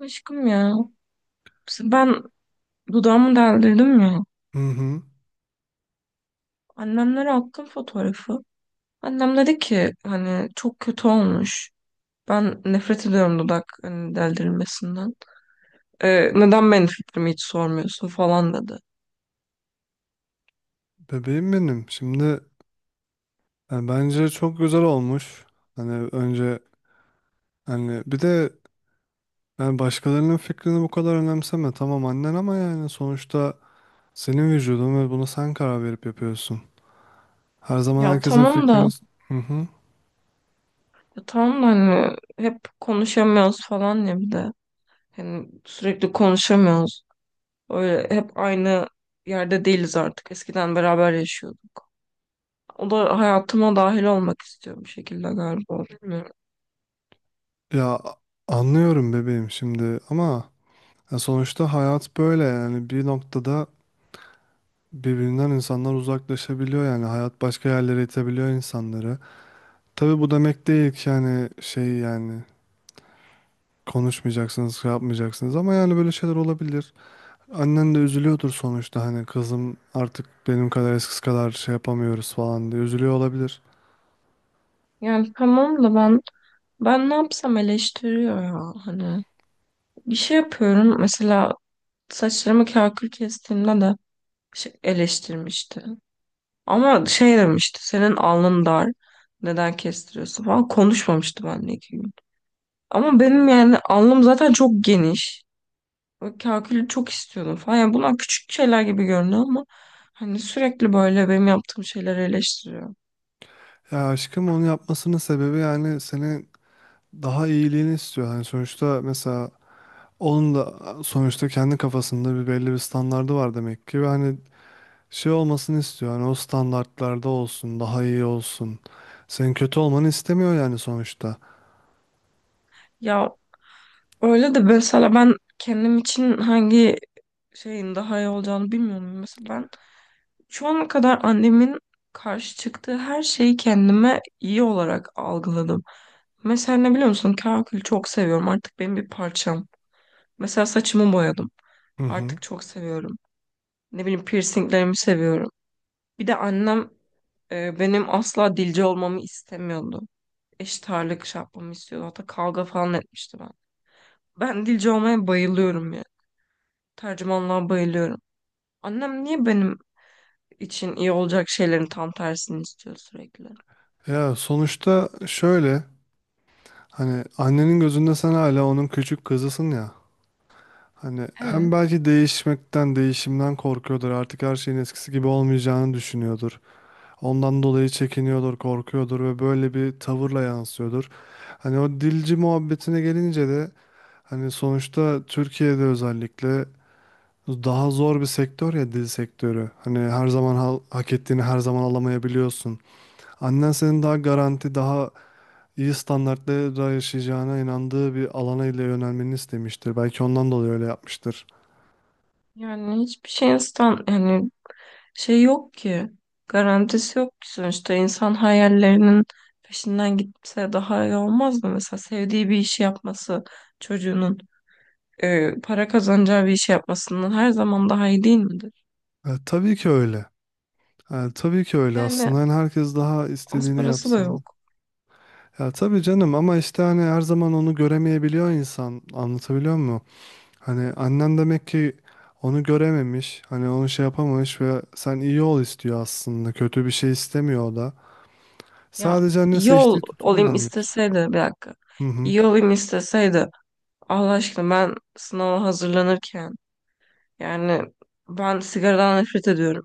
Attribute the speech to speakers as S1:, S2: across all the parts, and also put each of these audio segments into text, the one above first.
S1: Aşkım ya. Ben dudağımı deldirdim ya.
S2: Hı hı.
S1: Annemlere attım fotoğrafı. Annem dedi ki hani çok kötü olmuş. Ben nefret ediyorum dudak hani deldirilmesinden. Neden benim fikrimi hiç sormuyorsun falan dedi.
S2: Bebeğim benim. Şimdi yani bence çok güzel olmuş. Hani önce hani bir de Yani başkalarının fikrini bu kadar önemseme. Tamam annen ama yani sonuçta senin vücudun ve bunu sen karar verip yapıyorsun. Her zaman
S1: Ya
S2: herkesin
S1: tamam da
S2: fikrini... Hı hı.
S1: ya tamam da hani hep konuşamıyoruz falan ya bir de. Hani sürekli konuşamıyoruz. Öyle hep aynı yerde değiliz artık. Eskiden beraber yaşıyorduk. O da hayatıma dahil olmak istiyor bir şekilde galiba. Bilmiyorum.
S2: Ya anlıyorum bebeğim şimdi ama ya sonuçta hayat böyle, yani bir noktada birbirinden insanlar uzaklaşabiliyor, yani hayat başka yerlere itebiliyor insanları. Tabii bu demek değil ki yani şey, yani konuşmayacaksınız, şey yapmayacaksınız ama yani böyle şeyler olabilir. Annen de üzülüyordur sonuçta, hani kızım artık benim kadar eskisi kadar şey yapamıyoruz falan diye üzülüyor olabilir.
S1: Yani tamam da ben ne yapsam eleştiriyor ya hani bir şey yapıyorum mesela saçlarımı kakül kestiğimde de şey eleştirmişti, ama şey demişti, senin alnın dar, neden kestiriyorsun falan, konuşmamıştı benimle iki gün, ama benim yani alnım zaten çok geniş ve kakülü çok istiyordum falan. Yani bunlar küçük şeyler gibi görünüyor ama hani sürekli böyle benim yaptığım şeyleri eleştiriyor.
S2: Ya aşkım, onu yapmasının sebebi yani senin daha iyiliğini istiyor. Hani sonuçta mesela onun da sonuçta kendi kafasında bir belli bir standardı var demek ki, ve hani şey olmasını istiyor. Hani o standartlarda olsun, daha iyi olsun. Senin kötü olmanı istemiyor yani sonuçta.
S1: Ya öyle de mesela ben kendim için hangi şeyin daha iyi olacağını bilmiyorum. Mesela ben şu ana kadar annemin karşı çıktığı her şeyi kendime iyi olarak algıladım. Mesela ne biliyor musun? Kakül çok seviyorum. Artık benim bir parçam. Mesela saçımı boyadım.
S2: Hı hı.
S1: Artık çok seviyorum. Ne bileyim piercinglerimi seviyorum. Bir de annem benim asla dilci olmamı istemiyordu. Eşit ağırlık şey yapmamı istiyordu. Hatta kavga falan etmişti ben. Ben dilci olmaya bayılıyorum ya. Tercümanlığa bayılıyorum. Annem niye benim için iyi olacak şeylerin tam tersini istiyor sürekli.
S2: Ya sonuçta şöyle, hani annenin gözünde sen hala onun küçük kızısın ya. Hani hem
S1: Evet.
S2: belki değişmekten, değişimden korkuyordur. Artık her şeyin eskisi gibi olmayacağını düşünüyordur. Ondan dolayı çekiniyordur, korkuyordur ve böyle bir tavırla yansıyordur. Hani o dilci muhabbetine gelince de, hani sonuçta Türkiye'de özellikle daha zor bir sektör ya dil sektörü. Hani her zaman hak ettiğini her zaman alamayabiliyorsun. Annen senin daha garanti, daha iyi standartlara yaşayacağına inandığı bir alana ile yönelmeni istemiştir. Belki ondan dolayı öyle yapmıştır.
S1: Yani hiçbir şeyin stand yani Şey yok ki. Garantisi yok ki. Sonuçta insan hayallerinin peşinden gitse daha iyi olmaz mı? Mesela sevdiği bir işi yapması, çocuğunun para kazanacağı bir işi yapmasından her zaman daha iyi değil midir?
S2: E, tabii ki öyle. E, tabii ki öyle
S1: Yani
S2: aslında. Yani herkes daha
S1: az
S2: istediğini
S1: parası da
S2: yapsın.
S1: yok.
S2: Ya tabii canım, ama işte hani her zaman onu göremeyebiliyor insan. Anlatabiliyor muyum? Hani annen demek ki onu görememiş. Hani onu şey yapamamış ve sen iyi ol istiyor aslında. Kötü bir şey istemiyor o da.
S1: Ya
S2: Sadece anne
S1: iyi ol,
S2: seçtiği tutum
S1: olayım
S2: yanlış.
S1: isteseydi bir dakika.
S2: Hı hı.
S1: İyi olayım isteseydi Allah aşkına ben sınava hazırlanırken, yani ben sigaradan nefret ediyorum.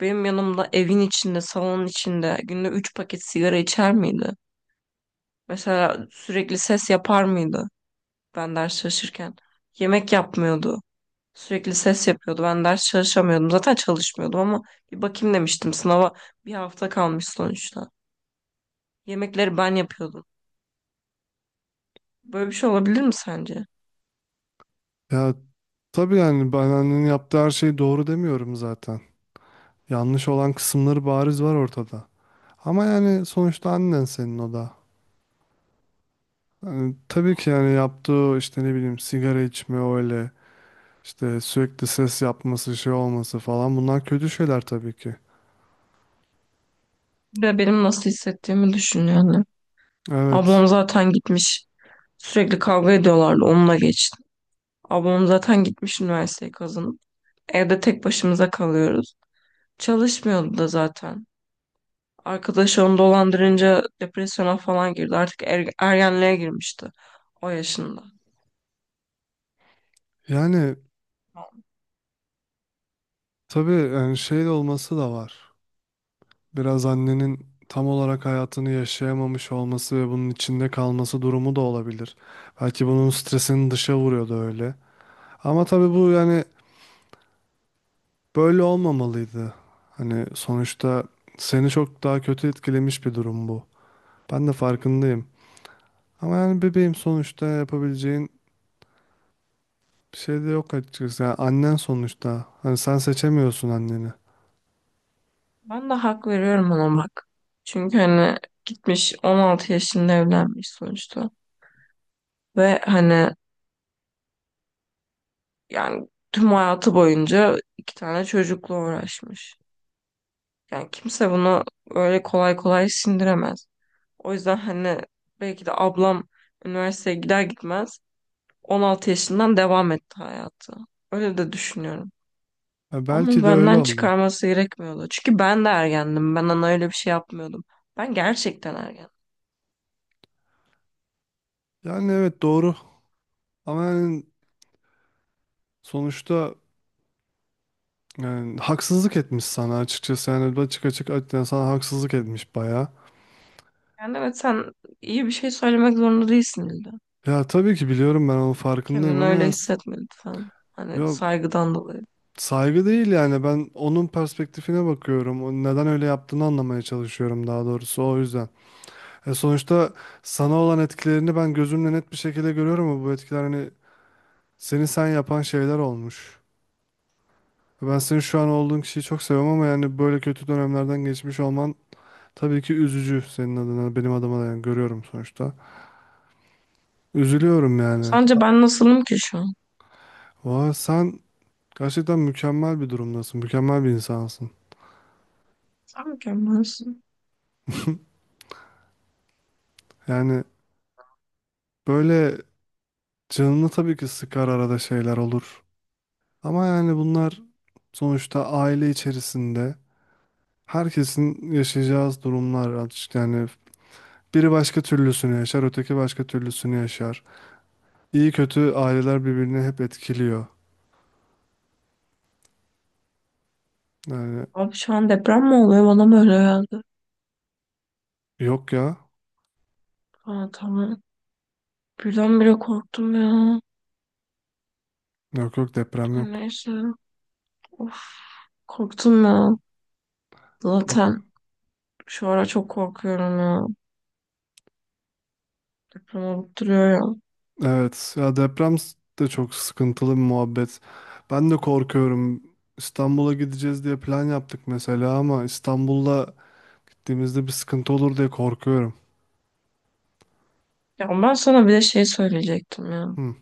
S1: Benim yanımda evin içinde, salonun içinde günde 3 paket sigara içer miydi? Mesela sürekli ses yapar mıydı ben ders çalışırken? Yemek yapmıyordu. Sürekli ses yapıyordu. Ben ders çalışamıyordum. Zaten çalışmıyordum ama bir bakayım demiştim. Sınava bir hafta kalmış sonuçta. Yemekleri ben yapıyordum. Böyle bir şey olabilir mi sence?
S2: Ya tabii yani, ben annenin yaptığı her şey doğru demiyorum zaten. Yanlış olan kısımları bariz var ortada. Ama yani sonuçta annen senin o da. Yani tabii ki yani yaptığı işte ne bileyim, sigara içme, öyle işte sürekli ses yapması, şey olması falan, bunlar kötü şeyler tabii ki.
S1: Bir benim nasıl hissettiğimi düşün yani.
S2: Evet.
S1: Ablam zaten gitmiş. Sürekli kavga ediyorlardı. Onunla geçti. Ablam zaten gitmiş üniversiteyi kazanıp. Evde tek başımıza kalıyoruz. Çalışmıyordu da zaten. Arkadaşı onu dolandırınca depresyona falan girdi. Artık ergenliğe girmişti o yaşında.
S2: Yani tabii yani şey de olması da var. Biraz annenin tam olarak hayatını yaşayamamış olması ve bunun içinde kalması durumu da olabilir. Belki bunun stresini dışa vuruyordu öyle. Ama tabii bu yani böyle olmamalıydı. Hani sonuçta seni çok daha kötü etkilemiş bir durum bu. Ben de farkındayım. Ama yani bebeğim sonuçta yapabileceğin bir şey de yok açıkçası. Yani annen sonuçta. Hani sen seçemiyorsun anneni.
S1: Ben de hak veriyorum ona bak. Çünkü hani gitmiş 16 yaşında evlenmiş sonuçta. Ve hani yani tüm hayatı boyunca iki tane çocukla uğraşmış. Yani kimse bunu öyle kolay kolay sindiremez. O yüzden hani belki de ablam üniversiteye gider gitmez 16 yaşından devam etti hayatı. Öyle de düşünüyorum.
S2: Ya
S1: Ama
S2: belki de öyle
S1: benden
S2: oldu.
S1: çıkarması gerekmiyordu. Çünkü ben de ergendim. Ben ona öyle bir şey yapmıyordum. Ben gerçekten ergendim.
S2: Yani evet doğru. Ama yani sonuçta yani haksızlık etmiş sana açıkçası. Yani açık açık açık sana haksızlık etmiş bayağı.
S1: Yani evet, sen iyi bir şey söylemek zorunda değilsin illa.
S2: Ya tabii ki biliyorum, ben onun farkındayım
S1: Kendini
S2: ama
S1: öyle
S2: ya,
S1: hissetme lütfen. Hani
S2: ya
S1: saygıdan dolayı.
S2: saygı değil yani, ben onun perspektifine bakıyorum. O neden öyle yaptığını anlamaya çalışıyorum daha doğrusu, o yüzden. E sonuçta sana olan etkilerini ben gözümle net bir şekilde görüyorum, ama bu etkiler hani seni sen yapan şeyler olmuş. Ben senin şu an olduğun kişiyi çok seviyorum, ama yani böyle kötü dönemlerden geçmiş olman tabii ki üzücü, senin adına, benim adıma da yani görüyorum sonuçta. Üzülüyorum yani.
S1: Sence ben nasılım ki şu an?
S2: Vay, sen gerçekten mükemmel bir durumdasın. Mükemmel bir insansın.
S1: Sen mükemmelsin.
S2: Yani böyle canını tabii ki sıkar, arada şeyler olur. Ama yani bunlar sonuçta aile içerisinde herkesin yaşayacağı durumlar artık. Yani biri başka türlüsünü yaşar, öteki başka türlüsünü yaşar. İyi kötü aileler birbirini hep etkiliyor. Yani
S1: Abi şu an deprem mi oluyor? Bana mı öyle geldi?
S2: yok ya.
S1: Aa, tamam. Birdenbire korktum ya.
S2: Yok yok, deprem yok.
S1: Neyse. Of, korktum ya. Zaten
S2: Yok.
S1: şu ara çok korkuyorum ya. Deprem olup duruyor ya.
S2: Evet ya, deprem de çok sıkıntılı bir muhabbet. Ben de korkuyorum. İstanbul'a gideceğiz diye plan yaptık mesela, ama İstanbul'da gittiğimizde bir sıkıntı olur diye korkuyorum.
S1: Ya ben sana bir de şey söyleyecektim ya.
S2: Hı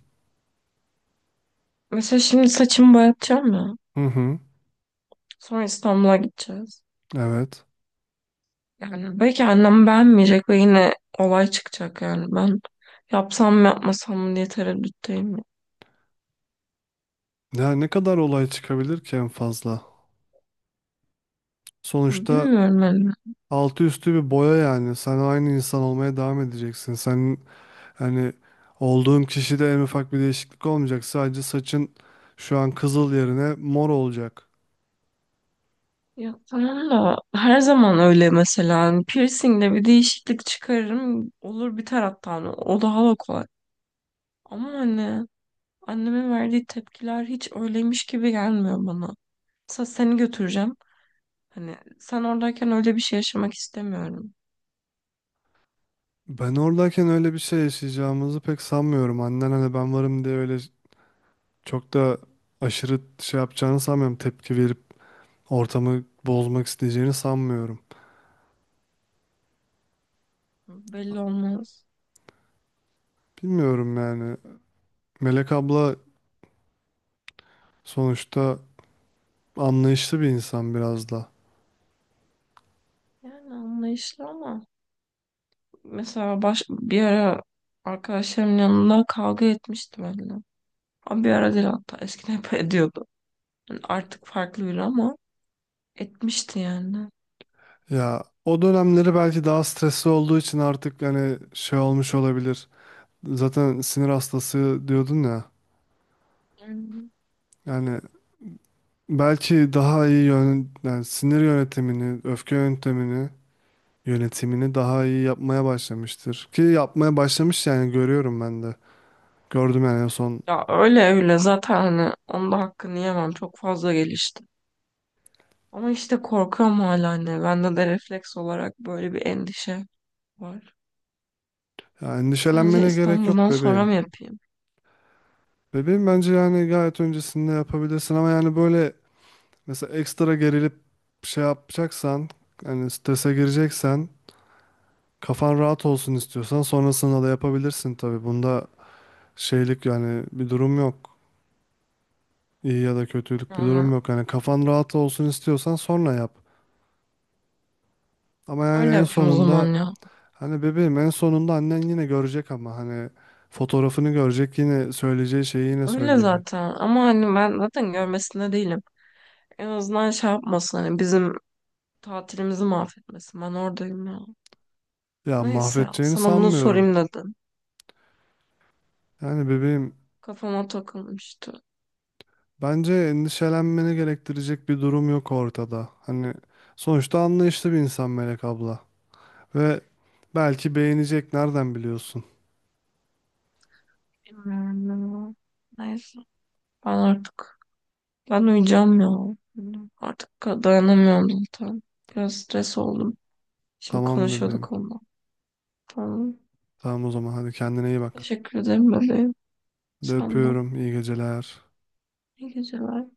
S1: Mesela şimdi saçımı boyatacağım ya.
S2: hı. Hı.
S1: Sonra İstanbul'a gideceğiz.
S2: Evet.
S1: Yani belki annem beğenmeyecek ve yine olay çıkacak yani. Ben yapsam mı yapmasam mı diye tereddütteyim ya.
S2: Ya ne kadar olay çıkabilir ki en fazla? Sonuçta
S1: Bilmiyorum yani.
S2: altı üstü bir boya yani. Sen aynı insan olmaya devam edeceksin. Sen hani olduğun kişide en ufak bir değişiklik olmayacak. Sadece saçın şu an kızıl yerine mor olacak.
S1: Ya tamam da her zaman öyle mesela. Hani piercing'de bir değişiklik çıkarırım. Olur biter hatta. Hani o daha da kolay. Ama hani annemin verdiği tepkiler hiç öyleymiş gibi gelmiyor bana. Sa seni götüreceğim. Hani sen oradayken öyle bir şey yaşamak istemiyorum.
S2: Ben oradayken öyle bir şey yaşayacağımızı pek sanmıyorum. Annen hani ben varım diye öyle çok da aşırı şey yapacağını sanmıyorum. Tepki verip ortamı bozmak isteyeceğini sanmıyorum.
S1: Belli olmaz.
S2: Bilmiyorum yani. Melek abla sonuçta anlayışlı bir insan biraz da.
S1: Yani anlayışlı ama mesela bir ara arkadaşlarımın yanında kavga etmişti benimle. Ama bir ara değil, hatta eskiden hep ediyordu. Yani artık farklı biri ama etmişti yani.
S2: Ya o dönemleri belki daha stresli olduğu için artık hani şey olmuş olabilir. Zaten sinir hastası diyordun ya.
S1: Yani
S2: Yani belki daha iyi yani sinir yönetimini, öfke yönetimini daha iyi yapmaya başlamıştır. Ki yapmaya başlamış yani, görüyorum ben de. Gördüm yani en son.
S1: ya öyle öyle zaten hani onda hakkını yemem çok fazla gelişti. Ama işte korkuyorum hala anne. Bende de refleks olarak böyle bir endişe var.
S2: Ya
S1: Sence
S2: endişelenmene gerek yok
S1: İstanbul'dan sonra
S2: bebeğim.
S1: mı yapayım?
S2: Bebeğim bence yani gayet öncesinde yapabilirsin, ama yani böyle mesela ekstra gerilip şey yapacaksan, hani strese gireceksen, kafan rahat olsun istiyorsan sonrasında da yapabilirsin tabii. Bunda şeylik yani bir durum yok. İyi ya da kötülük bir durum
S1: Yani
S2: yok. Hani kafan rahat olsun istiyorsan sonra yap. Ama yani
S1: öyle
S2: en
S1: yapayım o
S2: sonunda,
S1: zaman ya.
S2: hani bebeğim en sonunda annen yine görecek ama hani fotoğrafını görecek, yine söyleyeceği şeyi yine
S1: Öyle
S2: söyleyecek.
S1: zaten. Ama hani ben zaten görmesinde değilim. En azından şey yapmasın hani bizim tatilimizi mahvetmesin. Ben oradayım ya.
S2: Ya
S1: Neyse,
S2: mahvedeceğini
S1: sana bunu
S2: sanmıyorum.
S1: sorayım dedim.
S2: Yani bebeğim
S1: Kafama takılmıştı.
S2: bence endişelenmeni gerektirecek bir durum yok ortada. Hani sonuçta anlayışlı bir insan Melek abla. Ve belki beğenecek, nereden biliyorsun?
S1: Bilmiyorum ya. Neyse, ben artık, ben uyuyacağım ya. Artık dayanamıyorum zaten. Biraz stres oldum. Şimdi
S2: Tamam bebeğim.
S1: konuşuyorduk onunla. Tamam.
S2: Tamam o zaman, hadi kendine iyi bak.
S1: Teşekkür ederim bebeğim.
S2: Hadi,
S1: Sen de.
S2: öpüyorum. İyi geceler.
S1: İyi geceler.